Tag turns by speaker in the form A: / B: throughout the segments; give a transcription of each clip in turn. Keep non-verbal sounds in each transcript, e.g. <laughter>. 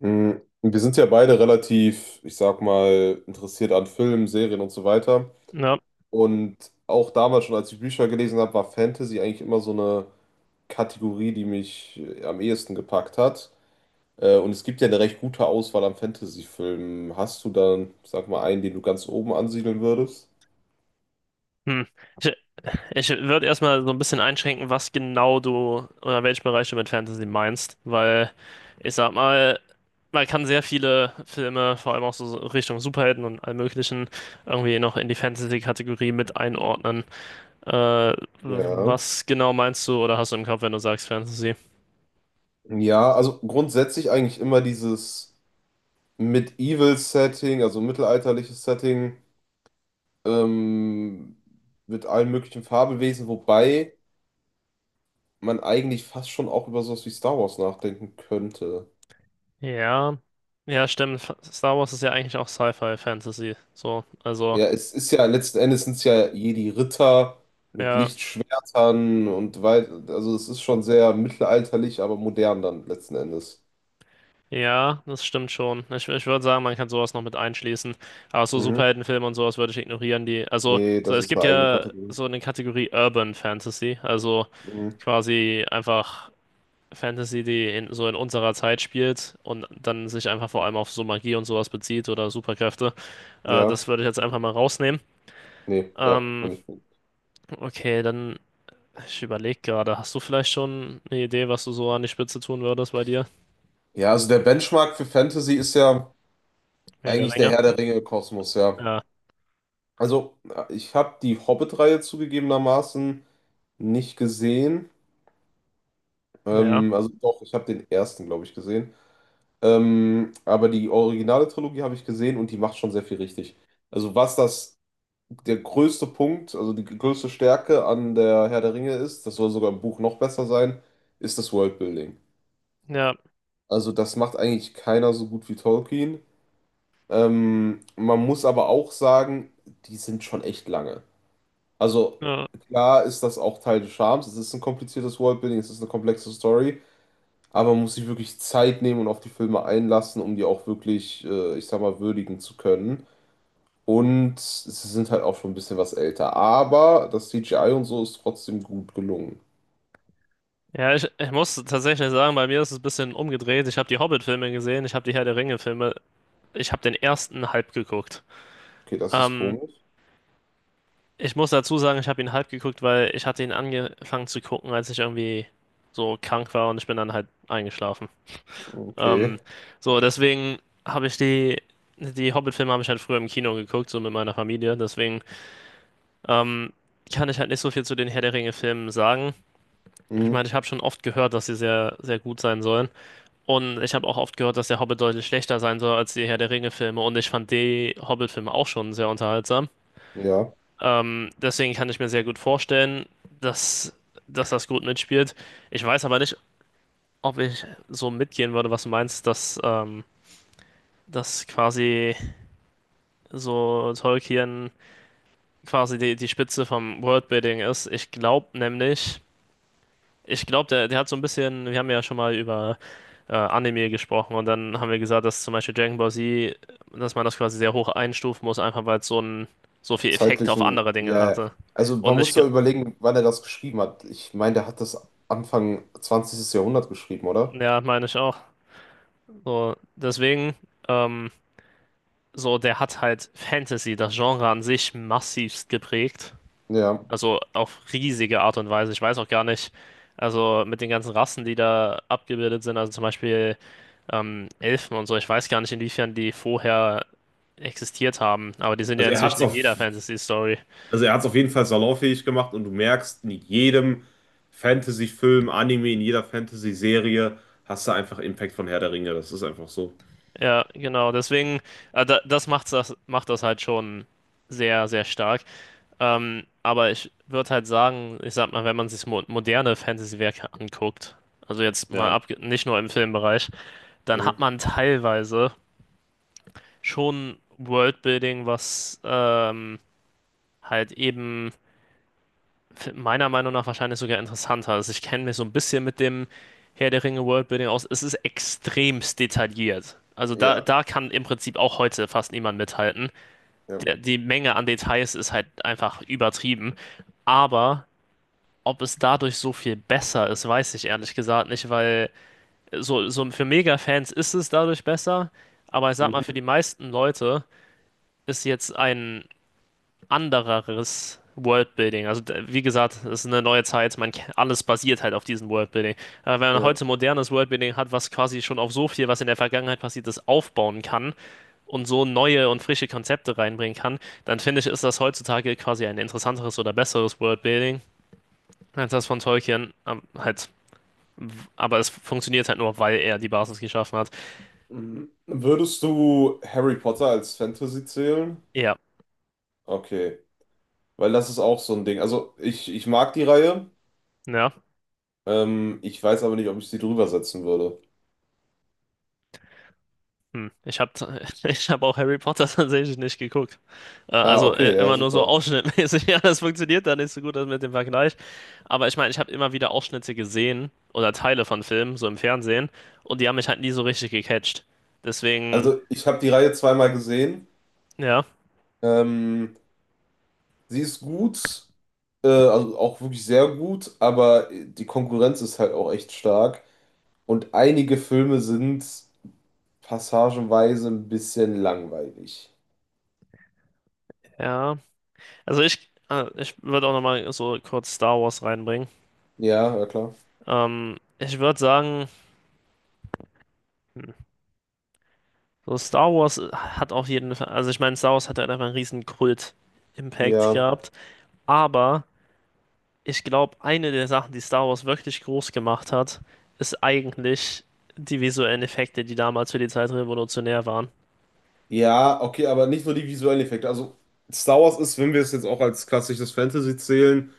A: Mm, wir sind ja beide relativ, ich sag mal, interessiert an Filmen, Serien und so weiter.
B: Ja.
A: Und auch damals schon, als ich Bücher gelesen habe, war Fantasy eigentlich immer so eine Kategorie, die mich am ehesten gepackt hat. Und es gibt ja eine recht gute Auswahl an Fantasy-Filmen. Hast du dann, sag mal, einen, den du ganz oben ansiedeln würdest?
B: Hm. Ich, ich würde erstmal so ein bisschen einschränken, was genau du oder welchen Bereich du mit Fantasy meinst, weil ich sag mal, man kann sehr viele Filme, vor allem auch so Richtung Superhelden und allem Möglichen, irgendwie noch in die Fantasy-Kategorie mit einordnen. Äh,
A: Ja.
B: Was genau meinst du oder hast du im Kopf, wenn du sagst Fantasy?
A: Ja, also grundsätzlich eigentlich immer dieses Medieval-Setting, also mittelalterliches Setting, ähm, mit allen möglichen Fabelwesen, wobei man eigentlich fast schon auch über sowas wie Star Wars nachdenken könnte.
B: Ja, ja, stimmt. Star Wars ist ja eigentlich auch Sci-Fi-Fantasy. So, also,
A: Ja, es ist ja, letzten Endes sind es ja Jedi-Ritter mit
B: ja.
A: Lichtschwertern und weit, also es ist schon sehr mittelalterlich, aber modern dann letzten Endes.
B: Ja, das stimmt schon. Ich würde sagen, man kann sowas noch mit einschließen. Aber so
A: Mhm.
B: Superheldenfilme und sowas würde ich ignorieren, die. Also,
A: Nee,
B: so,
A: das
B: es
A: ist
B: gibt
A: eine eigene
B: ja
A: Kategorie.
B: so eine Kategorie Urban Fantasy, also
A: Mhm.
B: quasi einfach Fantasy, die in, so in unserer Zeit spielt und dann sich einfach vor allem auf so Magie und sowas bezieht oder Superkräfte.
A: Ja,
B: Das würde ich jetzt einfach mal rausnehmen.
A: nee, ja,
B: Ähm,
A: bin ich.
B: okay, dann, ich überlege gerade, hast du vielleicht schon eine Idee, was du so an die Spitze tun würdest bei dir?
A: Ja, also der Benchmark für Fantasy ist ja
B: Ja, der
A: eigentlich der
B: Ringe.
A: Herr der Ringe-Kosmos, ja.
B: Ja,
A: Also, ich habe die Hobbit-Reihe zugegebenermaßen nicht gesehen.
B: ja,
A: Also doch, ich habe den ersten, glaube ich, gesehen. Aber die originale Trilogie habe ich gesehen und die macht schon sehr viel richtig. Also was das Der größte Punkt, also die größte Stärke an der Herr der Ringe ist, das soll sogar im Buch noch besser sein, ist das Worldbuilding.
B: ja.
A: Also das macht eigentlich keiner so gut wie Tolkien. Man muss aber auch sagen, die sind schon echt lange. Also
B: Ja.
A: klar ist das auch Teil des Charmes. Es ist ein kompliziertes Worldbuilding, es ist eine komplexe Story. Aber man muss sich wirklich Zeit nehmen und auf die Filme einlassen, um die auch wirklich, ich sag mal, würdigen zu können. Und sie sind halt auch schon ein bisschen was älter. Aber das CGI und so ist trotzdem gut gelungen.
B: Ja, ich muss tatsächlich sagen, bei mir ist es ein bisschen umgedreht. Ich habe die Hobbit-Filme gesehen, ich habe die Herr der Ringe-Filme, ich habe den ersten halb geguckt.
A: Okay, das ist
B: Ähm,
A: komisch.
B: Ich muss dazu sagen, ich habe ihn halb geguckt, weil ich hatte ihn angefangen zu gucken, als ich irgendwie so krank war und ich bin dann halt eingeschlafen. Ähm,
A: Okay.
B: so, deswegen habe ich die, die Hobbit-Filme habe ich halt früher im Kino geguckt, so mit meiner Familie. Deswegen ähm, kann ich halt nicht so viel zu den Herr der Ringe-Filmen sagen. Ich
A: Hm,
B: meine, ich habe schon oft gehört, dass sie sehr, sehr gut sein sollen. Und ich habe auch oft gehört, dass der Hobbit deutlich schlechter sein soll als die Herr der Ringe-Filme. Und ich fand die Hobbit-Filme auch schon sehr unterhaltsam.
A: ja.
B: Deswegen kann ich mir sehr gut vorstellen, dass, dass das gut mitspielt. Ich weiß aber nicht, ob ich so mitgehen würde, was du meinst, dass, dass quasi so Tolkien quasi die, die Spitze vom Worldbuilding ist. Ich glaube nämlich, ich glaube, der hat so ein bisschen, wir haben ja schon mal über Anime gesprochen und dann haben wir gesagt, dass zum Beispiel Dragon Ball Z, dass man das quasi sehr hoch einstufen muss, einfach weil es so ein, so viel Effekt auf
A: Zeitlichen,
B: andere Dinge
A: ja, ja.
B: hatte.
A: Also man
B: Und ich,
A: muss
B: ge-
A: ja überlegen, wann er das geschrieben hat. Ich meine, der hat das Anfang 20. Jahrhundert geschrieben, oder?
B: ja, meine ich auch. So, deswegen, ähm, so, der hat halt Fantasy, das Genre an sich, massivst geprägt.
A: Ja.
B: Also auf riesige Art und Weise. Ich weiß auch gar nicht, also mit den ganzen Rassen, die da abgebildet sind, also zum Beispiel Elfen und so, ich weiß gar nicht, inwiefern die vorher existiert haben, aber die sind ja
A: Also er hat
B: inzwischen
A: es
B: in
A: auf
B: jeder Fantasy-Story.
A: Also er hat es auf jeden Fall salonfähig gemacht und du merkst, in jedem Fantasy-Film, Anime, in jeder Fantasy-Serie hast du einfach Impact von Herr der Ringe. Das ist einfach so.
B: Ja, genau, deswegen, das macht das, macht das halt schon sehr, sehr stark. Aber ich würde halt sagen, ich sag mal, wenn man sich mo moderne Fantasy-Werke anguckt, also jetzt mal
A: Ja.
B: ab, nicht nur im Filmbereich, dann
A: Mhm.
B: hat man teilweise schon Worldbuilding, was halt eben meiner Meinung nach wahrscheinlich sogar interessanter ist. Ich kenne mich so ein bisschen mit dem Herr der Ringe Worldbuilding aus. Es ist extremst detailliert. Also da,
A: Ja,
B: da kann im Prinzip auch heute fast niemand mithalten.
A: ja,
B: Der, die Menge an Details ist halt einfach übertrieben. Aber ob es dadurch so viel besser ist, weiß ich ehrlich gesagt nicht, weil so, so für Mega-Fans ist es dadurch besser. Aber ich sag mal, für
A: mhm,
B: die meisten Leute ist jetzt ein andereres Worldbuilding. Wie gesagt, es ist eine neue Zeit, alles basiert halt auf diesem Worldbuilding. Aber wenn man
A: ja.
B: heute modernes Worldbuilding hat, was quasi schon auf so viel, was in der Vergangenheit passiert ist, aufbauen kann und so neue und frische Konzepte reinbringen kann, dann finde ich, ist das heutzutage quasi ein interessanteres oder besseres Worldbuilding als das von Tolkien. W- aber es funktioniert halt nur, weil er die Basis geschaffen hat.
A: Mhm. Würdest du Harry Potter als Fantasy zählen?
B: Ja,
A: Okay, weil das ist auch so ein Ding. Also ich mag die Reihe,
B: ja.
A: ich weiß aber nicht, ob ich sie drüber setzen würde.
B: Hm. Ich habe <laughs> ich hab auch Harry Potter <laughs> tatsächlich nicht geguckt.
A: Ah,
B: Also
A: okay, ja,
B: immer nur so
A: super.
B: ausschnittmäßig. <laughs> Ja, das funktioniert dann nicht so gut das mit dem Vergleich. Aber ich meine, ich habe immer wieder Ausschnitte gesehen oder Teile von Filmen, so im Fernsehen, und die haben mich halt nie so richtig gecatcht. Deswegen,
A: Also ich habe die Reihe zweimal gesehen.
B: ja,
A: Ähm, Sie ist gut, also auch wirklich sehr gut, aber die Konkurrenz ist halt auch echt stark. Und einige Filme sind passagenweise ein bisschen langweilig.
B: ja. Also ich würde auch nochmal so kurz Star Wars reinbringen.
A: Ja, ja klar.
B: Ich würde sagen, hm, so Star Wars hat auf jeden Fall, also ich meine, Star Wars hat halt einfach einen riesen Kult-Impact
A: Ja.
B: gehabt. Aber ich glaube, eine der Sachen, die Star Wars wirklich groß gemacht hat, ist eigentlich die visuellen Effekte, die damals für die Zeit revolutionär waren.
A: Ja, okay, aber nicht nur die visuellen Effekte. Also Star Wars ist, wenn wir es jetzt auch als klassisches Fantasy zählen,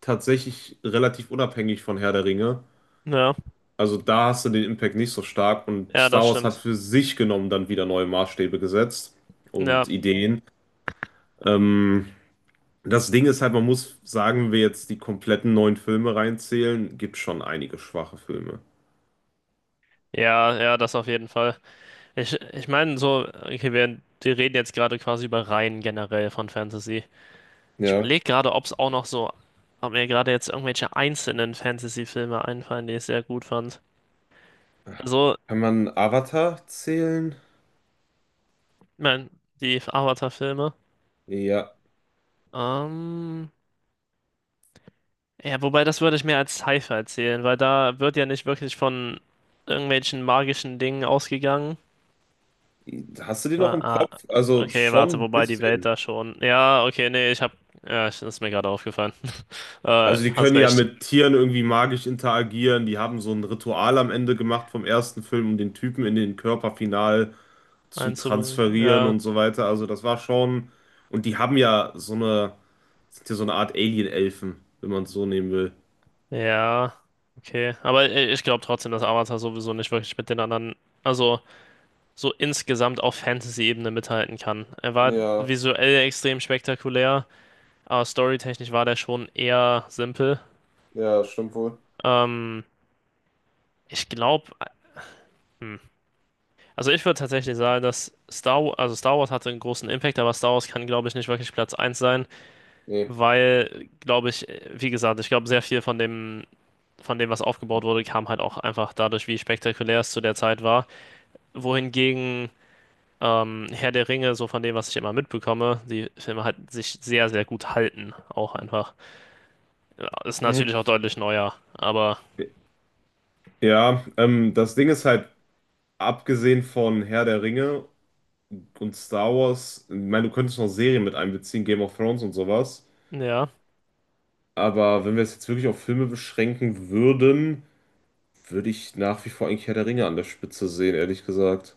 A: tatsächlich relativ unabhängig von Herr der Ringe.
B: Ja,
A: Also da hast du den Impact nicht so stark und
B: ja, das
A: Star Wars hat
B: stimmt.
A: für sich genommen dann wieder neue Maßstäbe gesetzt
B: Ja,
A: und Ideen. Ähm, Das Ding ist halt, man muss sagen, wenn wir jetzt die kompletten neuen Filme reinzählen, gibt schon einige schwache Filme.
B: ja, ja, das auf jeden Fall. Ich meine, so, okay, wir reden jetzt gerade quasi über Reihen generell von Fantasy. Ich
A: Ja.
B: überlege gerade, ob es auch noch so, ob mir gerade jetzt irgendwelche einzelnen Fantasy-Filme einfallen, die ich sehr gut fand. Also,
A: Kann man Avatar zählen?
B: ich meine, die Avatar-Filme.
A: Ja.
B: Ähm, Ja, wobei das würde ich mir als Sci-Fi erzählen, weil da wird ja nicht wirklich von irgendwelchen magischen Dingen ausgegangen.
A: Hast du die noch
B: Ah,
A: im
B: ah,
A: Kopf? Also
B: okay,
A: schon
B: warte,
A: ein
B: wobei die Welt
A: bisschen.
B: da schon. Ja, okay, nee, ich hab. Ja, das ist mir gerade aufgefallen. <laughs>
A: Also die
B: Hast
A: können ja
B: recht,
A: mit Tieren irgendwie magisch interagieren. Die haben so ein Ritual am Ende gemacht vom ersten Film, um den Typen in den Körper final zu
B: einzubringen.
A: transferieren
B: Ja,
A: und so weiter. Also das war schon. Und die haben ja so eine, sind ja so eine Art Alien-Elfen, wenn man es so nehmen will.
B: ja, okay. Ich glaube trotzdem, dass Avatar sowieso nicht wirklich mit den anderen, also so insgesamt auf Fantasy-Ebene mithalten kann. Er war
A: Ja.
B: visuell extrem spektakulär, aber storytechnisch war der schon eher simpel.
A: Ja, stimmt wohl.
B: Ähm. Ich glaube, also ich würde tatsächlich sagen, dass Star Wars, also Star Wars hatte einen großen Impact, aber Star Wars kann, glaube ich, nicht wirklich Platz eins sein,
A: Nee.
B: weil, glaube ich, wie gesagt, ich glaube, sehr viel von dem, was aufgebaut wurde, kam halt auch einfach dadurch, wie spektakulär es zu der Zeit war. Wohingegen Herr der Ringe, so von dem, was ich immer mitbekomme, die Filme halt sich sehr, sehr gut halten, auch einfach. Ja, ist
A: Mhm.
B: natürlich auch deutlich neuer, aber
A: Ja, das Ding ist halt, abgesehen von Herr der Ringe und Star Wars, ich meine, du könntest noch Serien mit einbeziehen, Game of Thrones und sowas.
B: ja.
A: Aber wenn wir es jetzt wirklich auf Filme beschränken würden, würde ich nach wie vor eigentlich Herr der Ringe an der Spitze sehen, ehrlich gesagt.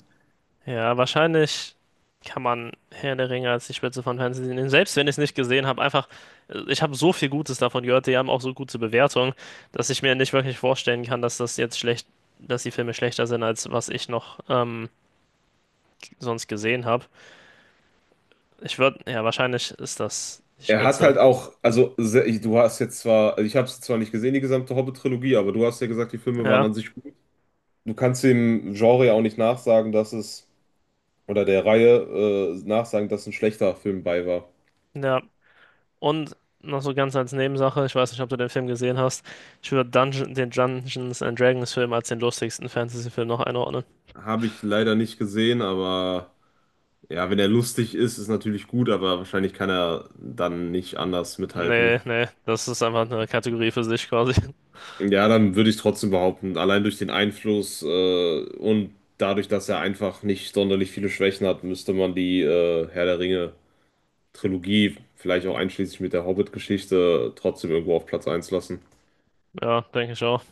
B: Ja, wahrscheinlich kann man Herr der Ringe als die Spitze von Fantasy nehmen. Selbst wenn ich es nicht gesehen habe, einfach, ich habe so viel Gutes davon gehört, die haben auch so gute Bewertungen, dass ich mir nicht wirklich vorstellen kann, dass das jetzt schlecht, dass die Filme schlechter sind, als was ich noch sonst gesehen habe. Ich würde, ja, wahrscheinlich ist das die
A: Er hat
B: Spitze.
A: halt auch, also se- du hast jetzt zwar, also ich habe es zwar nicht gesehen, die gesamte Hobbit-Trilogie, aber du hast ja gesagt, die Filme waren
B: Ja,
A: an sich, du kannst dem Genre ja auch nicht nachsagen, dass es oder der Reihe nachsagen, dass ein schlechter Film bei war.
B: ja. Und noch so ganz als Nebensache, ich weiß nicht, ob du den Film gesehen hast, ich würde den Dungeons and Dragons Film als den lustigsten Fantasy-Film noch einordnen.
A: Habe ich leider nicht gesehen, aber ja, wenn er lustig ist, ist natürlich gut, aber wahrscheinlich kann er dann nicht anders
B: Nee,
A: mithalten.
B: nee, das ist einfach eine Kategorie für sich quasi. <laughs>
A: Ja, dann würde ich trotzdem behaupten, allein durch den Einfluss und dadurch, dass er einfach nicht sonderlich viele Schwächen hat, müsste man die Herr der Ringe Trilogie, vielleicht auch einschließlich mit der Hobbit-Geschichte, trotzdem irgendwo auf Platz eins lassen.
B: Ja, denke ich auch.